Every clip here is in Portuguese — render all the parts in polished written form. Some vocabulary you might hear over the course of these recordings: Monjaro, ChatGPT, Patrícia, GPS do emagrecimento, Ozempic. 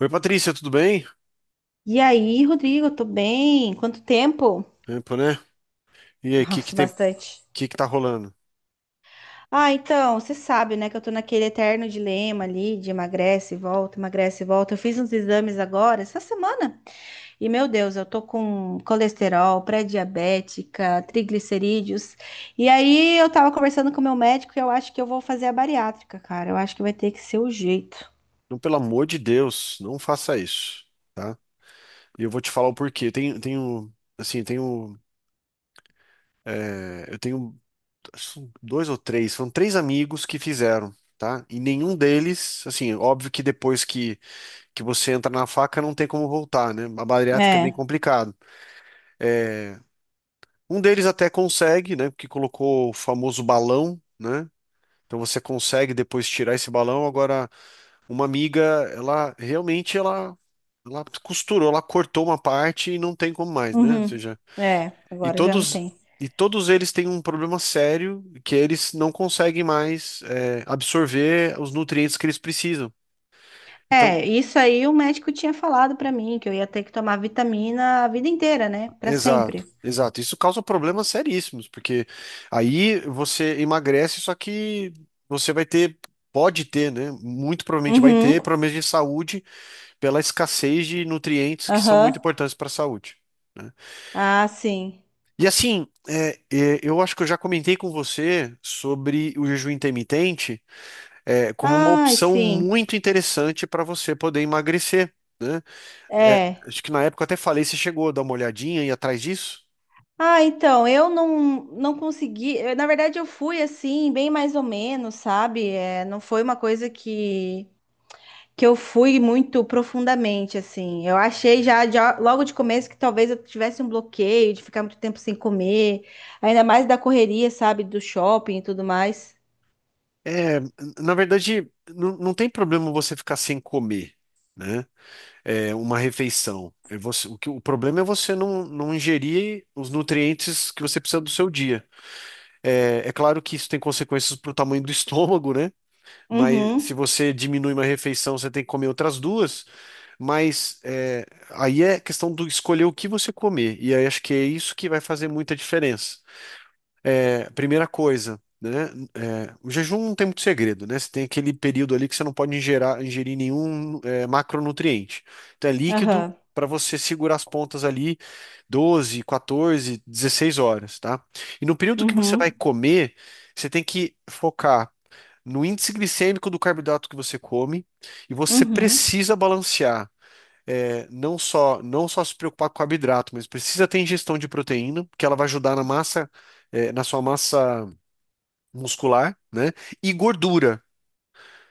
Oi, Patrícia, tudo bem? E aí, Rodrigo, tô bem? Quanto tempo? Tempo, né? E aí, o que que Nossa, tem, bastante. Que tá rolando? Ah, então, você sabe, né, que eu tô naquele eterno dilema ali de emagrece e volta, emagrece e volta. Eu fiz uns exames agora, essa semana, e meu Deus, eu tô com colesterol, pré-diabética, triglicerídeos. E aí, eu tava conversando com o meu médico e eu acho que eu vou fazer a bariátrica, cara. Eu acho que vai ter que ser o jeito. Não, pelo amor de Deus, não faça isso, tá? E eu vou te falar o porquê. Eu Tenho, tenho, assim, tenho, é, eu tenho acho, dois ou três, são três amigos que fizeram, tá? E nenhum deles, assim, óbvio que depois que você entra na faca não tem como voltar, né? A bariátrica é bem É, complicado. É, um deles até consegue, né? Porque colocou o famoso balão, né? Então você consegue depois tirar esse balão, agora uma amiga, ela realmente, ela costurou, ela cortou uma parte e não tem como mais, né? Ou uhum. seja, É, e agora já não todos tem. e todos eles têm um problema sério que eles não conseguem mais absorver os nutrientes que eles precisam. Então, É, isso aí o médico tinha falado pra mim, que eu ia ter que tomar vitamina a vida inteira, né? Pra sempre. exato, exato. Isso causa problemas seríssimos, porque aí você emagrece, só que você vai ter Pode ter, né? Muito provavelmente vai Uhum, ter problemas de saúde pela escassez de nutrientes que são muito aham. importantes para a saúde, né? Ah, sim. E assim, eu acho que eu já comentei com você sobre o jejum intermitente, como uma Ai, opção sim. muito interessante para você poder emagrecer, né? É, É. acho que na época eu até falei, você chegou a dar uma olhadinha e atrás disso. Ah, então, eu não consegui. Na verdade, eu fui assim, bem mais ou menos, sabe? É, não foi uma coisa que eu fui muito profundamente, assim. Eu achei já logo de começo que talvez eu tivesse um bloqueio de ficar muito tempo sem comer, ainda mais da correria, sabe? Do shopping e tudo mais. É, na verdade, não tem problema você ficar sem comer, né? É, uma refeição. O problema é você não ingerir os nutrientes que você precisa do seu dia. É, é claro que isso tem consequências para o tamanho do estômago, né? Mas se Uhum. você diminui uma refeição, você tem que comer outras duas. Mas é, aí é questão do escolher o que você comer. E aí acho que é isso que vai fazer muita diferença. É, primeira coisa, né? O jejum não tem muito segredo, né? Você tem aquele período ali que você não pode ingerir nenhum macronutriente. Então é líquido Aham. para você segurar as pontas ali 12, 14, 16 horas, tá? E no período que você vai Uhum. comer, você tem que focar no índice glicêmico do carboidrato que você come e você Uhum. precisa balancear. Não só se preocupar com o carboidrato, mas precisa ter ingestão de proteína, que ela vai ajudar na massa, na sua massa muscular, né? E gordura.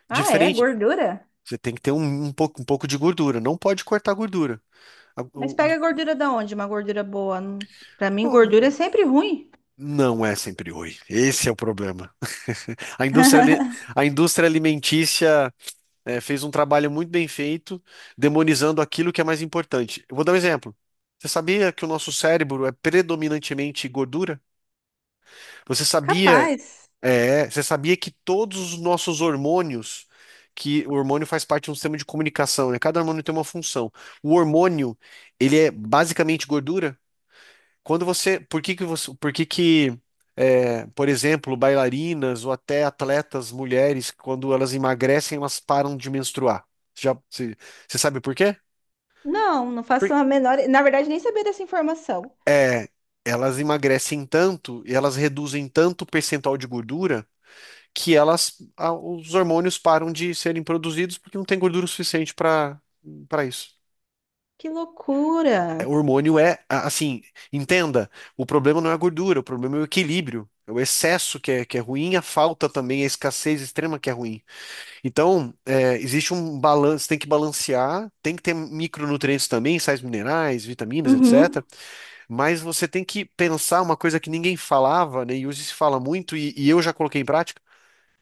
Ah, é? Diferente, Gordura? você tem que ter um pouco de gordura. Não pode cortar gordura. A- Mas o- pega gordura da onde? Uma gordura boa? Pra mim, o- gordura é sempre ruim. não é sempre ruim. Esse é o problema. A indústria, ali- a indústria alimentícia, é, fez um trabalho muito bem feito, demonizando aquilo que é mais importante. Eu vou dar um exemplo. Você sabia que o nosso cérebro é predominantemente gordura? Você sabia, Capaz. Você sabia que todos os nossos hormônios, que o hormônio faz parte de um sistema de comunicação, né? Cada hormônio tem uma função. O hormônio, ele é basicamente gordura? Quando você, por que que você, por que que, é, Por exemplo, bailarinas ou até atletas mulheres, quando elas emagrecem, elas param de menstruar? Já, você, você sabe por quê? Não, não faço Por- a menor. Na verdade, nem sabia dessa informação. é, Elas emagrecem tanto e elas reduzem tanto o percentual de gordura que os hormônios param de serem produzidos porque não tem gordura suficiente para isso. Que O loucura. hormônio assim, entenda, o problema não é a gordura, o problema é o equilíbrio, é o excesso que é ruim, a falta também, a escassez extrema que é ruim. Então, é, existe um balanço, tem que balancear, tem que ter micronutrientes também, sais minerais, vitaminas, Uhum. etc. Mas você tem que pensar uma coisa que ninguém falava, né, e hoje se fala muito, e eu já coloquei em prática,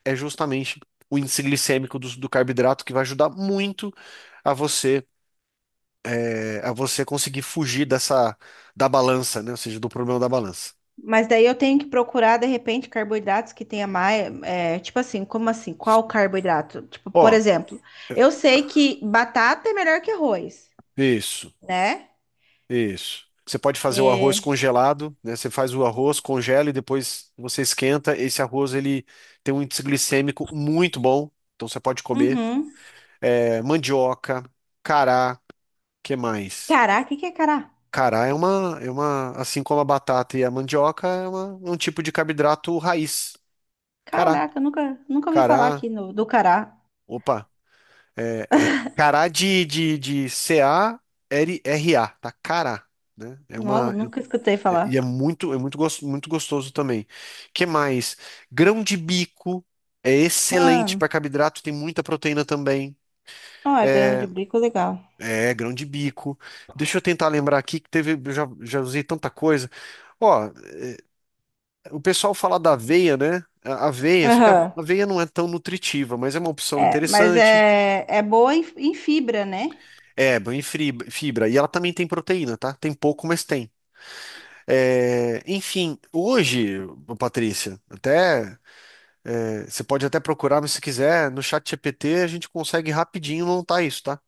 é justamente o índice glicêmico do carboidrato, que vai ajudar muito a você a você conseguir fugir dessa da balança, né? Ou seja, do problema da balança. Mas daí eu tenho que procurar, de repente, carboidratos que tenha mais. É, tipo assim, como assim? Qual carboidrato? Tipo, por Ó, exemplo, eu sei que batata é melhor que arroz, isso, né? isso. Você pode fazer o arroz É... congelado, né? Você faz o arroz, congela e depois você esquenta. Esse arroz ele tem um índice glicêmico muito bom, então você pode comer. Uhum. É, mandioca, cará, que mais? Cará, o que que é cará? Cará é uma, assim como a batata e a mandioca, é um tipo de carboidrato raiz. Cará, Caraca, nunca ouvi falar cará, aqui do cará. opa. é, Cará de, de C-A-R-R-A, tá? Cará, né? Nossa, nunca escutei E é falar. muito, muito gostoso também. Que mais? Grão de bico é excelente Ah, para carboidrato, tem muita proteína também. ó, é grama de bico, legal. É, grão de bico. Deixa eu tentar lembrar aqui que teve, já usei tanta coisa. Ó, o pessoal fala da aveia, né? A aveia, só que a Aham. aveia não é tão nutritiva, mas é uma opção É, mas interessante. é, é boa em, em fibra, né? Fibra. E ela também tem proteína, tá? Tem pouco, mas tem. É, enfim, hoje, ô Patrícia, até você pode até procurar, mas se quiser, no chat GPT a gente consegue rapidinho montar isso, tá?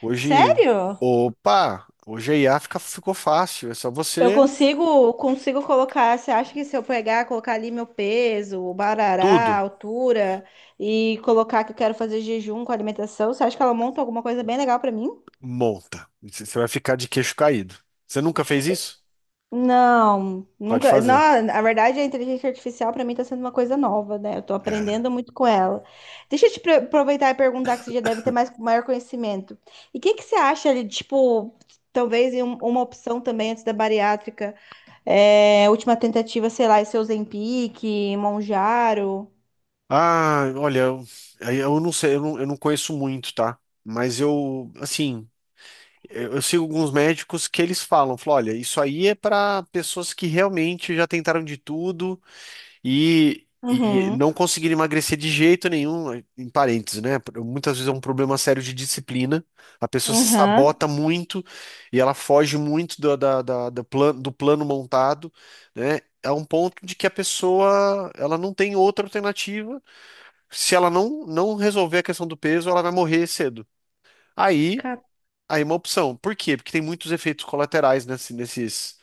Hoje, Sério? opa, hoje a IA ficou fácil, é só Eu você consigo, consigo colocar. Você acha que se eu pegar, colocar ali meu peso, o barará, a tudo altura e colocar que eu quero fazer jejum com alimentação, você acha que ela monta alguma coisa bem legal pra mim? monta. Você vai ficar de queixo caído. Você nunca fez isso? Não, Pode nunca. fazer. Não, na verdade, a inteligência artificial para mim está sendo uma coisa nova, né? Eu estou É. aprendendo muito com ela. Deixa eu aproveitar e perguntar que você já deve ter mais maior conhecimento. E o que que você acha ali, tipo, talvez em uma opção também antes da bariátrica, é, última tentativa, sei lá, esse Ozempic, Monjaro. Ah, olha, eu, aí eu não sei, eu não conheço muito, tá? Mas eu, assim. Eu sigo alguns médicos que eles falam, falam, olha, isso aí é para pessoas que realmente já tentaram de tudo e Uhum. não conseguiram emagrecer de jeito nenhum, em parênteses, né? Muitas vezes é um problema sério de disciplina, a pessoa se Uhum. sabota muito e ela foge muito do, da, da- da plan- do plano montado, né? A um ponto de que a pessoa ela não tem outra alternativa. Se ela não resolver a questão do peso, ela vai morrer cedo. Aí Aí é uma opção. Por quê? Porque tem muitos efeitos colaterais nesses,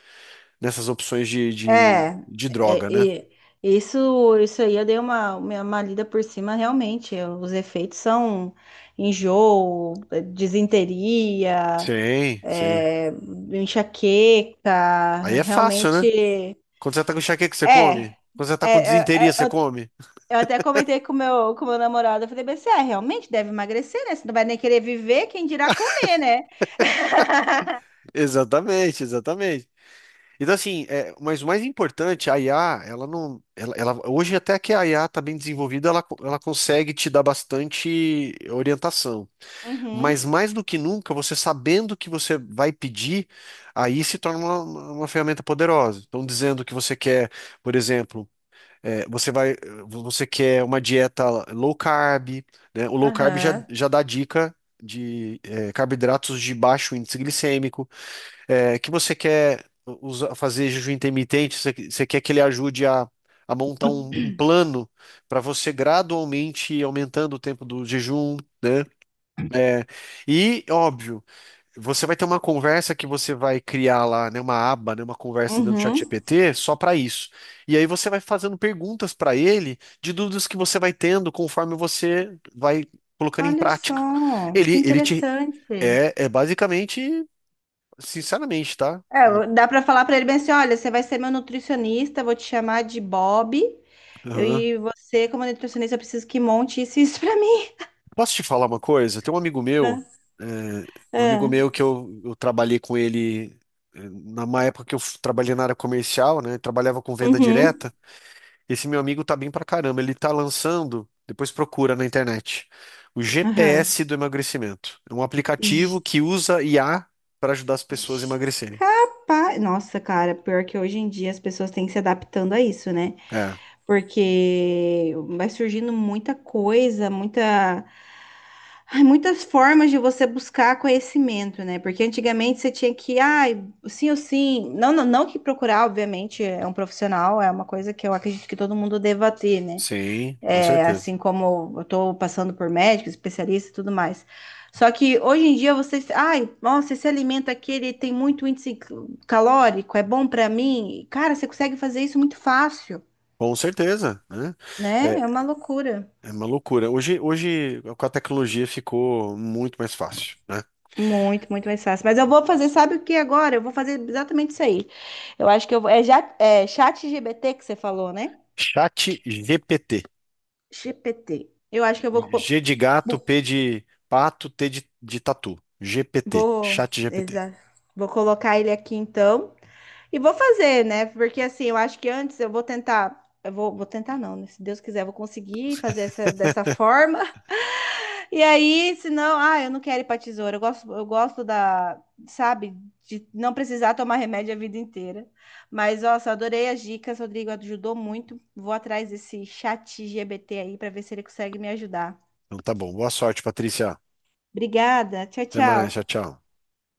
nessas opções É, de droga, né? é, é, isso, isso aí eu dei uma lida por cima, realmente. Os efeitos são enjoo, disenteria, Sim, sim. é, enxaqueca, Aí é fácil, né? realmente. Quando você tá com enxaqueca, você É, come. é, Quando você tá com é, disenteria, você eu come. Até comentei com com meu namorado, eu falei, mas você é, realmente deve emagrecer, né? Você não vai nem querer viver, quem dirá comer, né? Exatamente, exatamente. Então, assim, é, mas o mais importante, a IA, ela não. Hoje, até que a IA tá bem desenvolvida, ela consegue te dar bastante orientação. Uhum, Mas mais do que nunca, você sabendo que você vai pedir, aí se torna uma ferramenta poderosa. Então, dizendo que você quer, por exemplo, eh, você vai, você quer uma dieta low carb, né? O low carb aham, já dá dica de carboidratos de baixo índice glicêmico, eh, que você quer fazer jejum intermitente, você quer que ele ajude a montar um plano para você gradualmente ir aumentando o tempo do jejum. eh, e óbvio, você vai ter uma conversa que você vai criar lá, né, uma aba, né, uma conversa dentro do uhum. ChatGPT só para isso. E aí você vai fazendo perguntas para ele de dúvidas que você vai tendo conforme você vai colocando em Olha prática. só, que Ele, ele te interessante. É basicamente, sinceramente, tá? É, dá para falar para ele bem assim, olha, você vai ser meu nutricionista, vou te chamar de Bob. Eu, Aham. e você, como nutricionista, eu preciso que monte isso e isso para mim. Posso te falar uma coisa? Tem um amigo meu, Ah, é, um amigo ah, meu que eu trabalhei com ele na uma época que eu trabalhei na área comercial, né? Trabalhava com venda uhum, direta. Esse meu amigo tá bem pra caramba. Ele tá lançando, depois procura na internet, o aham. GPS do emagrecimento. É um aplicativo J- que usa IA para ajudar as pessoas a j- emagrecerem. Capaz. Nossa, cara, pior que hoje em dia as pessoas têm que se adaptando a isso, né? É, Porque vai surgindo muita coisa, muita. Ai, muitas formas de você buscar conhecimento, né? Porque antigamente você tinha que, ai, sim ou sim. Não que procurar, obviamente, é um profissional, é uma coisa que eu acredito que todo mundo deva ter, né? sim, com É, certeza. assim como eu tô passando por médico, especialista e tudo mais. Só que hoje em dia você, ai, nossa, esse alimento aqui ele tem muito índice calórico, é bom para mim. Cara, você consegue fazer isso muito fácil, Com certeza, né? É, né? É uma loucura. é uma loucura. Hoje, hoje, com a tecnologia ficou muito mais fácil, né? Muito, muito mais fácil. Mas eu vou fazer, sabe o que agora? Eu vou fazer exatamente isso aí. Eu acho que eu vou. É, já, é chat GPT que você falou, né? Chat GPT. GPT. Eu acho que eu vou. G de gato, P bu- de pato, T de tatu. GPT. Vou. Chat GPT. Exa, vou colocar ele aqui então. E vou fazer, né? Porque assim, eu acho que antes eu vou tentar. Vou tentar, não, né? Se Deus quiser, eu vou conseguir fazer essa, dessa forma. E aí, senão, ah, eu não quero ir pra tesoura. Eu gosto da, sabe, de não precisar tomar remédio a vida inteira. Mas, nossa, adorei as dicas, Rodrigo, ajudou muito. Vou atrás desse chat GBT aí para ver se ele consegue me ajudar. Então tá bom. Boa sorte, Patrícia. Obrigada, tchau, Até tchau. mais. Tchau, tchau.